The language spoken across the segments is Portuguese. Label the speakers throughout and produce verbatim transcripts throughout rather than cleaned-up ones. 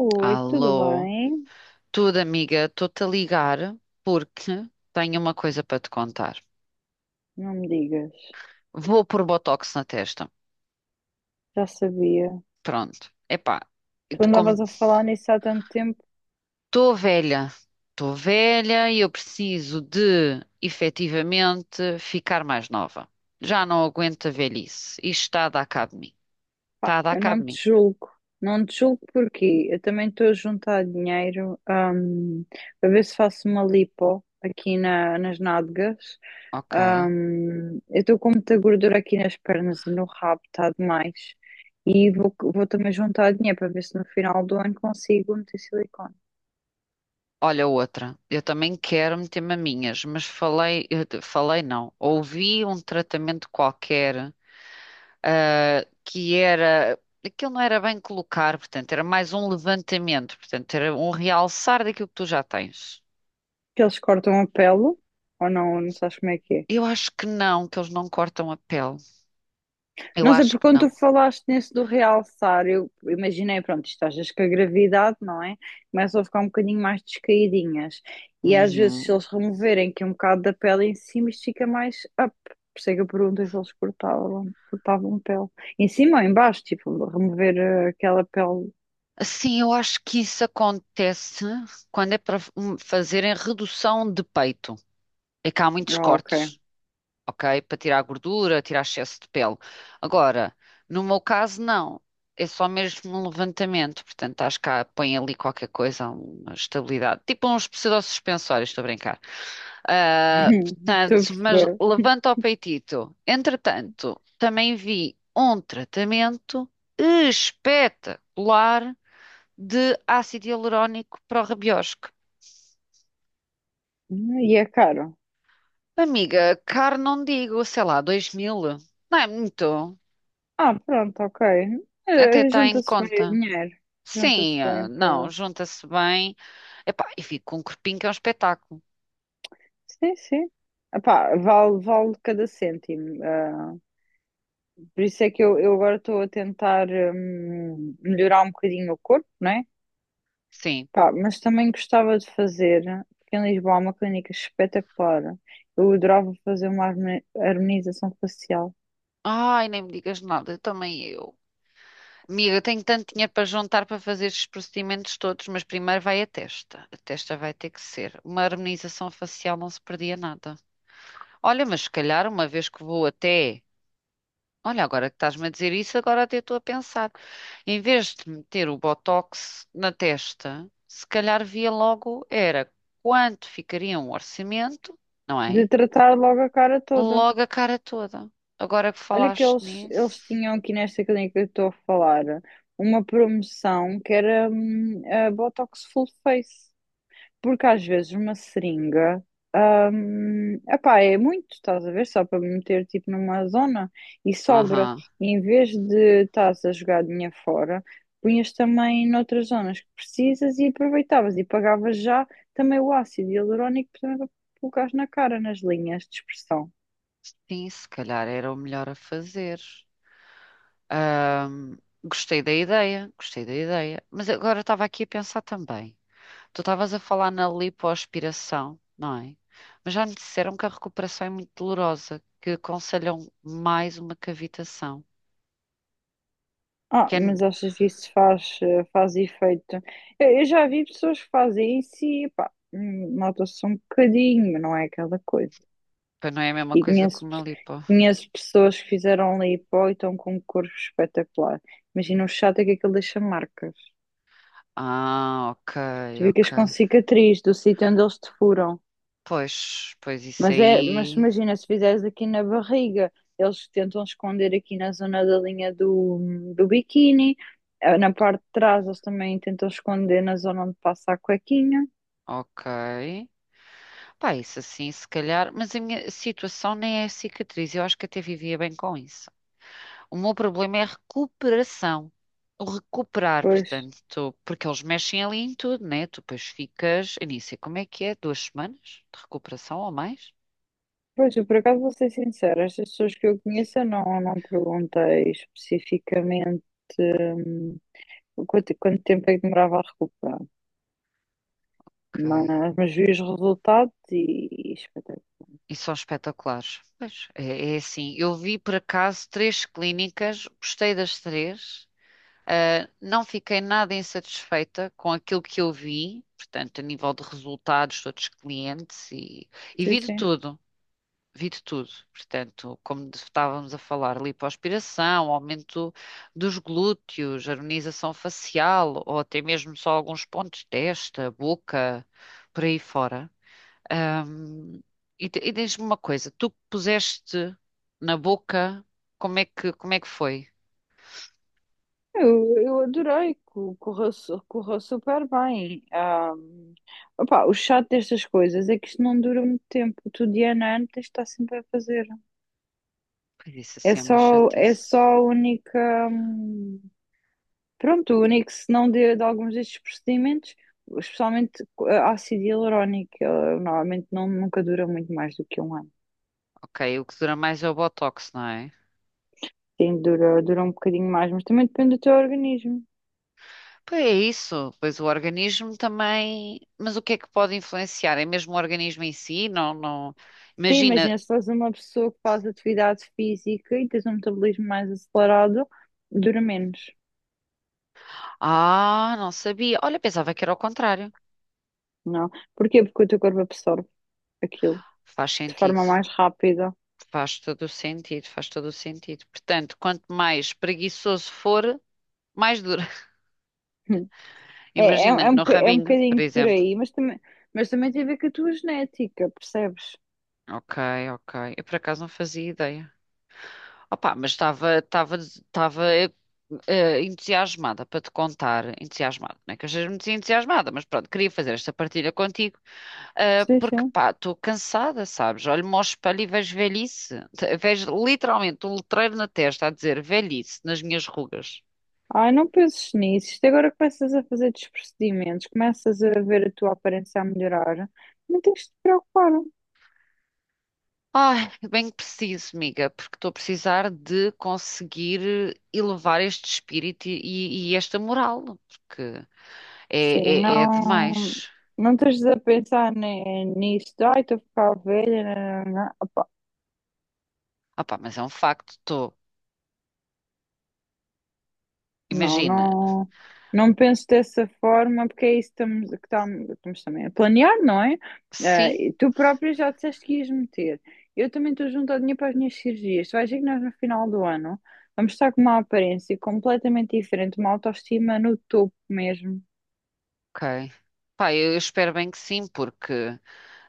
Speaker 1: Oi, tudo
Speaker 2: Alô,
Speaker 1: bem?
Speaker 2: tudo amiga, estou-te a ligar porque tenho uma coisa para te contar.
Speaker 1: Não me digas.
Speaker 2: Vou pôr Botox na testa.
Speaker 1: Já sabia.
Speaker 2: Pronto. Epá, e
Speaker 1: Tu
Speaker 2: de como
Speaker 1: andavas a falar nisso há tanto tempo.
Speaker 2: estou velha, estou velha e eu preciso de efetivamente ficar mais nova. Já não aguento a velhice. Isto está a dar cabo de mim.
Speaker 1: Pá,
Speaker 2: Está a dar
Speaker 1: eu
Speaker 2: cabo
Speaker 1: não
Speaker 2: de mim.
Speaker 1: te julgo. Não te julgo porquê? Eu também estou a juntar dinheiro, hum, para ver se faço uma lipo aqui na- nas nádegas.
Speaker 2: Ok.
Speaker 1: Hum, eu estou com muita gordura aqui nas pernas e no rabo, está demais. E vou, vou também juntar dinheiro para ver se no final do ano consigo meter silicone.
Speaker 2: Olha outra. Eu também quero meter maminhas, mas falei, eu te- falei não. Ouvi um tratamento qualquer ah, que era. Aquilo não era bem colocar, portanto, era mais um levantamento, portanto, era um realçar daquilo que tu já tens.
Speaker 1: Que eles cortam a pele, ou não, não sabes como é que é.
Speaker 2: Eu acho que não, que eles não cortam a pele. Eu
Speaker 1: Não sei,
Speaker 2: acho
Speaker 1: porque
Speaker 2: que
Speaker 1: quando
Speaker 2: não.
Speaker 1: tu falaste nesse do realçar, eu imaginei, pronto, isto às vezes com a gravidade, não é? Começam a ficar um bocadinho mais descaídinhas. E às vezes, se
Speaker 2: Uhum.
Speaker 1: eles removerem aqui um bocado da pele em cima, isto fica mais up. Por isso é que eu perguntei se eles cortavam, cortavam pele. Em cima ou em baixo, tipo, remover eh, aquela pele.
Speaker 2: Sim, eu acho que isso acontece quando é para hum, fazerem redução de peito. É que há muitos
Speaker 1: Ah, ok.
Speaker 2: cortes. Ok? Para tirar a gordura, tirar excesso de pele. Agora, no meu caso, não. É só mesmo um levantamento. Portanto, acho que há- põe ali qualquer coisa, uma estabilidade. Tipo uns pseudosuspensórios, estou a brincar. Ah,
Speaker 1: Estou
Speaker 2: portanto,
Speaker 1: a
Speaker 2: mas
Speaker 1: perceber.
Speaker 2: levanta o peitito. Entretanto, também vi um tratamento espetacular de ácido hialurónico para o rabiosco.
Speaker 1: Hum, E é caro.
Speaker 2: Amiga, caro não digo, sei lá, dois mil. Não é muito.
Speaker 1: Ah, pronto, ok.
Speaker 2: Até
Speaker 1: Eh,
Speaker 2: está em
Speaker 1: junta-se bem o
Speaker 2: conta.
Speaker 1: dinheiro. Junta-se
Speaker 2: Sim, ah,
Speaker 1: bem
Speaker 2: não,
Speaker 1: para.
Speaker 2: junta-se bem. Epá, e fico com um corpinho que é um espetáculo.
Speaker 1: Sim, sim. Epá, vale, vale cada cêntimo. ah, por isso é que eu, eu agora estou a tentar hum, melhorar um bocadinho o corpo, né?
Speaker 2: Sim.
Speaker 1: Pá, mas também gostava de fazer, porque em Lisboa há uma clínica espetacular. Eu adorava fazer uma harmoni- harmonização facial,
Speaker 2: Ai, nem me digas nada, também eu. Amiga, tenho tanto dinheiro para juntar para fazer estes procedimentos todos, mas primeiro vai a testa. A testa vai ter que ser. Uma harmonização facial não se perdia nada. Olha, mas se calhar uma vez que vou até. Olha, agora que estás-me a dizer isso, agora até estou a pensar. Em vez de meter o Botox na testa, se calhar via logo era quanto ficaria um orçamento, não é?
Speaker 1: de tratar logo a cara toda.
Speaker 2: Logo a cara toda. Agora que
Speaker 1: Olha que
Speaker 2: falaste
Speaker 1: eles, eles
Speaker 2: nisso.
Speaker 1: tinham aqui nesta clínica que eu estou a falar uma promoção que era hum, a Botox Full Face. Porque às vezes uma seringa, hum, epá, é muito, estás a ver? Só para me meter tipo numa zona e sobra.
Speaker 2: Aham.
Speaker 1: E em vez de estás a jogar dinheiro fora, punhas também noutras zonas que precisas e aproveitavas e pagavas já também o ácido hialurónico também para colocares na cara, nas linhas de expressão.
Speaker 2: Sim, se calhar era o melhor a fazer. Ahm, gostei da ideia, gostei da ideia. Mas agora eu estava aqui a pensar também. Tu estavas a falar na lipoaspiração, não é? Mas já me disseram que a recuperação é muito dolorosa, que aconselham mais uma cavitação.
Speaker 1: Ah,
Speaker 2: Que é,
Speaker 1: mas achas que isso faz, eh, faz efeito? Eu, eu já vi pessoas que fazem isso e pá, hum, nota-se um bocadinho, mas não é aquela coisa.
Speaker 2: pois não é a mesma
Speaker 1: E
Speaker 2: coisa que
Speaker 1: conheço,
Speaker 2: uma lipo.
Speaker 1: conheço pessoas que fizeram lipo e estão com um corpo espetacular. Imagina o chato é que aquilo deixa marcas.
Speaker 2: Ah, ok,
Speaker 1: Tu ficas
Speaker 2: ok.
Speaker 1: com cicatriz do sítio onde eles te furam.
Speaker 2: Pois, pois isso
Speaker 1: Mas, é, mas
Speaker 2: aí,
Speaker 1: imagina, se fizeres aqui na barriga, eles tentam esconder aqui na zona da linha do, do biquíni. Eh, Na parte de trás, eles também tentam esconder na zona onde passa a cuequinha.
Speaker 2: ok. Pá, isso assim, se calhar, mas a minha situação nem é cicatriz, eu acho que até vivia bem com isso. O meu problema é a recuperação, o recuperar,
Speaker 1: Pois.
Speaker 2: portanto, tu- porque eles mexem ali em tudo, né? Tu depois ficas, eu nem sei como é que é, duas semanas de recuperação ou mais?
Speaker 1: Pois, eu por acaso vou ser sincera, estas pessoas que eu conheço eu não, não perguntei especificamente hum, quanto, quanto tempo é que demorava a recuperar?
Speaker 2: Ok.
Speaker 1: Mas, mas vi os resultados e, e espetáculo.
Speaker 2: E são espetaculares. Pois, é, é assim, eu vi por acaso três clínicas, gostei das três, Uh, não fiquei nada insatisfeita com aquilo que eu vi, portanto, a nível de resultados, de outros clientes e, e
Speaker 1: Sim,
Speaker 2: vi de
Speaker 1: sim.
Speaker 2: tudo, vi de tudo. Portanto, como de- estávamos a falar, lipoaspiração, aumento dos glúteos, harmonização facial ou até mesmo só alguns pontos de testa, boca, por aí fora. Um, e te- e diz-me uma coisa, tu que puseste na boca, como é que, como é que foi?
Speaker 1: Eu, eu adorei, co- correu, su- correu super bem. Ah, opá, o chato destas coisas é que isto não dura muito tempo. Tu, de ano a ano, tens de estar sempre a fazer.
Speaker 2: Pois isso
Speaker 1: É
Speaker 2: assim é uma
Speaker 1: só, é
Speaker 2: chatice.
Speaker 1: só a única. hum, Pronto, o único senão de, de alguns destes procedimentos, especialmente co- ácido hialurónico, ele normalmente não, nunca dura muito mais do que um ano.
Speaker 2: Ok, o que dura mais é o Botox, não é?
Speaker 1: Sim, dura, dura um bocadinho mais, mas também depende do teu organismo.
Speaker 2: Pois é isso, pois o organismo também. Mas o que é que pode influenciar? É mesmo o organismo em si? Não, não.
Speaker 1: Sim,
Speaker 2: Imagina.
Speaker 1: imagina se és uma pessoa que faz atividade física e tens um metabolismo mais acelerado, dura menos,
Speaker 2: Ah, não sabia. Olha, pensava que era o contrário.
Speaker 1: não? É? Porquê? Porque o teu corpo absorve aquilo
Speaker 2: Faz
Speaker 1: de
Speaker 2: sentido.
Speaker 1: forma mais rápida.
Speaker 2: Faz todo o sentido, faz todo o sentido. Portanto, quanto mais preguiçoso for, mais dura.
Speaker 1: É, é, é,
Speaker 2: Imagina,
Speaker 1: um,
Speaker 2: no
Speaker 1: boca- é um
Speaker 2: rabinho, por
Speaker 1: bocadinho por
Speaker 2: exemplo.
Speaker 1: aí, mas também, mas também tem a ver com a tua genética, percebes?
Speaker 2: Ok, ok. Eu por acaso não fazia ideia. Opa, mas estava estava estava eh, eh, entusiasmada para te contar, entusiasmada, não é que eu seja muito entusiasmada, mas pronto, queria fazer esta partilha contigo, eh,
Speaker 1: Sim,
Speaker 2: porque
Speaker 1: sim.
Speaker 2: pá, estou cansada, sabes? Olho-me ao espelho e vejo velhice, Te- vejo literalmente um letreiro na testa a dizer velhice nas minhas rugas.
Speaker 1: Ai, não penses nisso. Isto agora começas a fazer desprocedimentos, começas a ver a tua aparência a melhorar, não tens de te preocupar.
Speaker 2: Ai, bem que preciso, amiga, porque estou a precisar de conseguir elevar este espírito e, e- esta moral, porque
Speaker 1: Sim,
Speaker 2: é, é, é
Speaker 1: não,
Speaker 2: demais.
Speaker 1: não estás a pensar ni- nisso, de, ai, estou a ficar velha, nã, nã, nã. Opá,
Speaker 2: Opa, mas é um facto, estou.
Speaker 1: não,
Speaker 2: Imagina,
Speaker 1: não, não penso dessa forma, porque é isso que estamos, que tam- estamos também a planear, não é?
Speaker 2: sim,
Speaker 1: Eh, e tu própria já disseste que ias meter. Eu também estou junto ao dinheiro para as minhas cirurgias. Tu vais ver que nós no final do ano vamos estar com uma aparência completamente diferente, uma autoestima no topo mesmo.
Speaker 2: ok. Pá, eu eu espero bem que sim, porque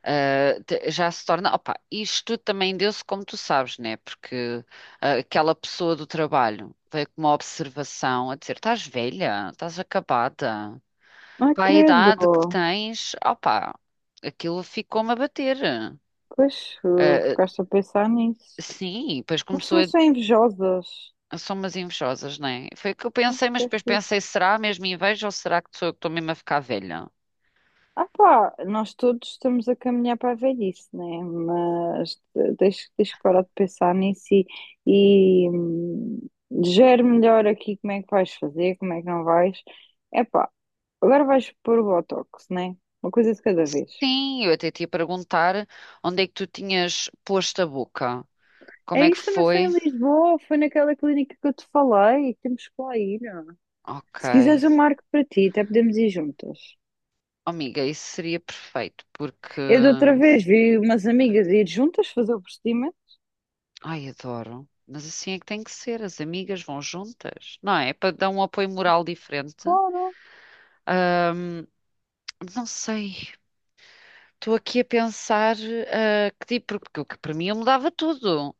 Speaker 2: ah, te- já se torna. Opa, isto também deu-se como tu sabes, né? Porque ah, aquela pessoa do trabalho veio com uma observação a dizer: estás velha, estás acabada,
Speaker 1: Ah,
Speaker 2: para a idade que
Speaker 1: credo.
Speaker 2: tens, opa, aquilo ficou-me a bater.
Speaker 1: Pois, eh,
Speaker 2: Ah,
Speaker 1: ficaste a pensar nisso.
Speaker 2: sim, depois
Speaker 1: Mas
Speaker 2: começou
Speaker 1: também
Speaker 2: a.
Speaker 1: são invejosas.
Speaker 2: São umas invejosas, né? Foi o que eu
Speaker 1: Acho
Speaker 2: pensei, mas
Speaker 1: que é
Speaker 2: depois
Speaker 1: assim.
Speaker 2: pensei: será mesmo inveja ou será que sou eu que estou mesmo a ficar velha?
Speaker 1: Ah pá, nós todos estamos a caminhar para a velhice, né? Mas eh, deixa, deixa parar de pensar nisso e, e hum, gere melhor aqui como é que vais fazer, como é que não vais. É pá, agora vais pôr o Botox, né? Uma coisa de cada vez.
Speaker 2: Sim, eu até te ia perguntar onde é que tu tinhas posto a boca. Como
Speaker 1: É
Speaker 2: é que
Speaker 1: isso também foi
Speaker 2: foi?
Speaker 1: em Lisboa, foi naquela clínica que eu te falei, temos que lá ir. Ó.
Speaker 2: Ok.
Speaker 1: Se quiseres eu marco para ti, até podemos ir juntas.
Speaker 2: Oh, amiga, isso seria perfeito, porque.
Speaker 1: Eu de outra vez vi umas amigas ir juntas fazer o procedimento.
Speaker 2: Ai, adoro. Mas assim é que tem que ser, as amigas vão juntas, não é? Para dar um apoio moral diferente.
Speaker 1: Claro.
Speaker 2: Ahm, não sei, estou aqui a pensar ah, que tipo, porque o que para mim eu mudava tudo,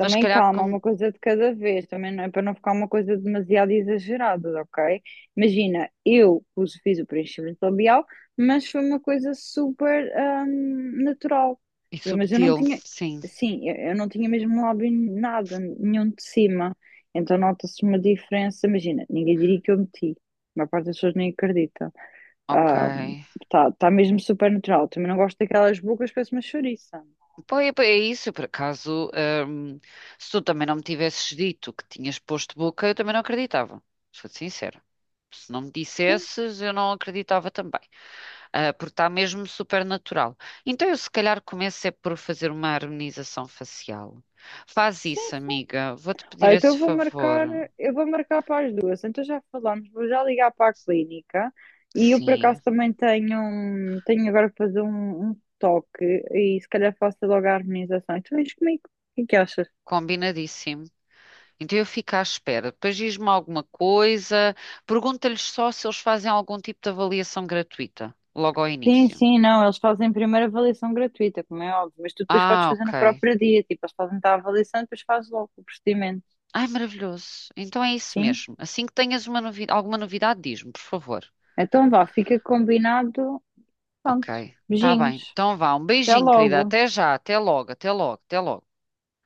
Speaker 2: mas se calhar
Speaker 1: calma,
Speaker 2: como.
Speaker 1: uma coisa de cada vez, também não é para não ficar uma coisa demasiado exagerada, ok? Imagina, eu pus- fiz o preenchimento labial, mas foi uma coisa super hum, natural.
Speaker 2: E
Speaker 1: Eu, mas eu não
Speaker 2: subtil,
Speaker 1: tinha,
Speaker 2: sim,
Speaker 1: sim, eu, eu não tinha mesmo lábio nada, nenhum de cima. Então nota-se uma diferença, imagina, ninguém diria que eu meti. A maior parte das pessoas nem acredita.
Speaker 2: ok.
Speaker 1: Está tá tá mesmo super natural. Também não gosto daquelas bocas, parece uma chouriça.
Speaker 2: Pois é pois é isso, eu, por acaso, hum, se tu também não me tivesses dito que tinhas posto boca, eu também não acreditava, sou te sincera. Se não me
Speaker 1: Sim,
Speaker 2: dissesses, eu não acreditava também, Ah, porque está mesmo super natural. Então eu se calhar começo é por fazer uma harmonização facial. Faz
Speaker 1: sim,
Speaker 2: isso,
Speaker 1: sim.
Speaker 2: amiga, vou-te pedir
Speaker 1: Olha, então
Speaker 2: esse
Speaker 1: eu vou marcar,
Speaker 2: favor.
Speaker 1: eu vou marcar para as duas. Então já falamos, vou já ligar para a clínica e eu por
Speaker 2: Sim,
Speaker 1: acaso também tenho, um- tenho agora para fazer um, um toque e se calhar faço logo a harmonização. E tu vens comigo, o que é que achas?
Speaker 2: combinadíssimo. Então eu fico à espera. Depois diz-me alguma coisa, pergunta-lhes só se eles fazem algum tipo de avaliação gratuita, logo ao
Speaker 1: Sim,
Speaker 2: início.
Speaker 1: sim, não, eles fazem primeiro avaliação gratuita, como é óbvio, mas tu depois podes
Speaker 2: Ah,
Speaker 1: fazer no
Speaker 2: ok.
Speaker 1: próprio dia, tipo, eles fazem-te a avaliação e depois fazes logo o procedimento,
Speaker 2: Ai, maravilhoso. Então é isso
Speaker 1: sim?
Speaker 2: mesmo. Assim que tenhas uma novi- alguma novidade, diz-me, por favor.
Speaker 1: Então vá, fica combinado,
Speaker 2: Ok,
Speaker 1: pronto,
Speaker 2: tá bem.
Speaker 1: beijinhos,
Speaker 2: Então vá, um
Speaker 1: até
Speaker 2: beijinho, querida.
Speaker 1: logo.
Speaker 2: Até já, até logo, até logo, até logo.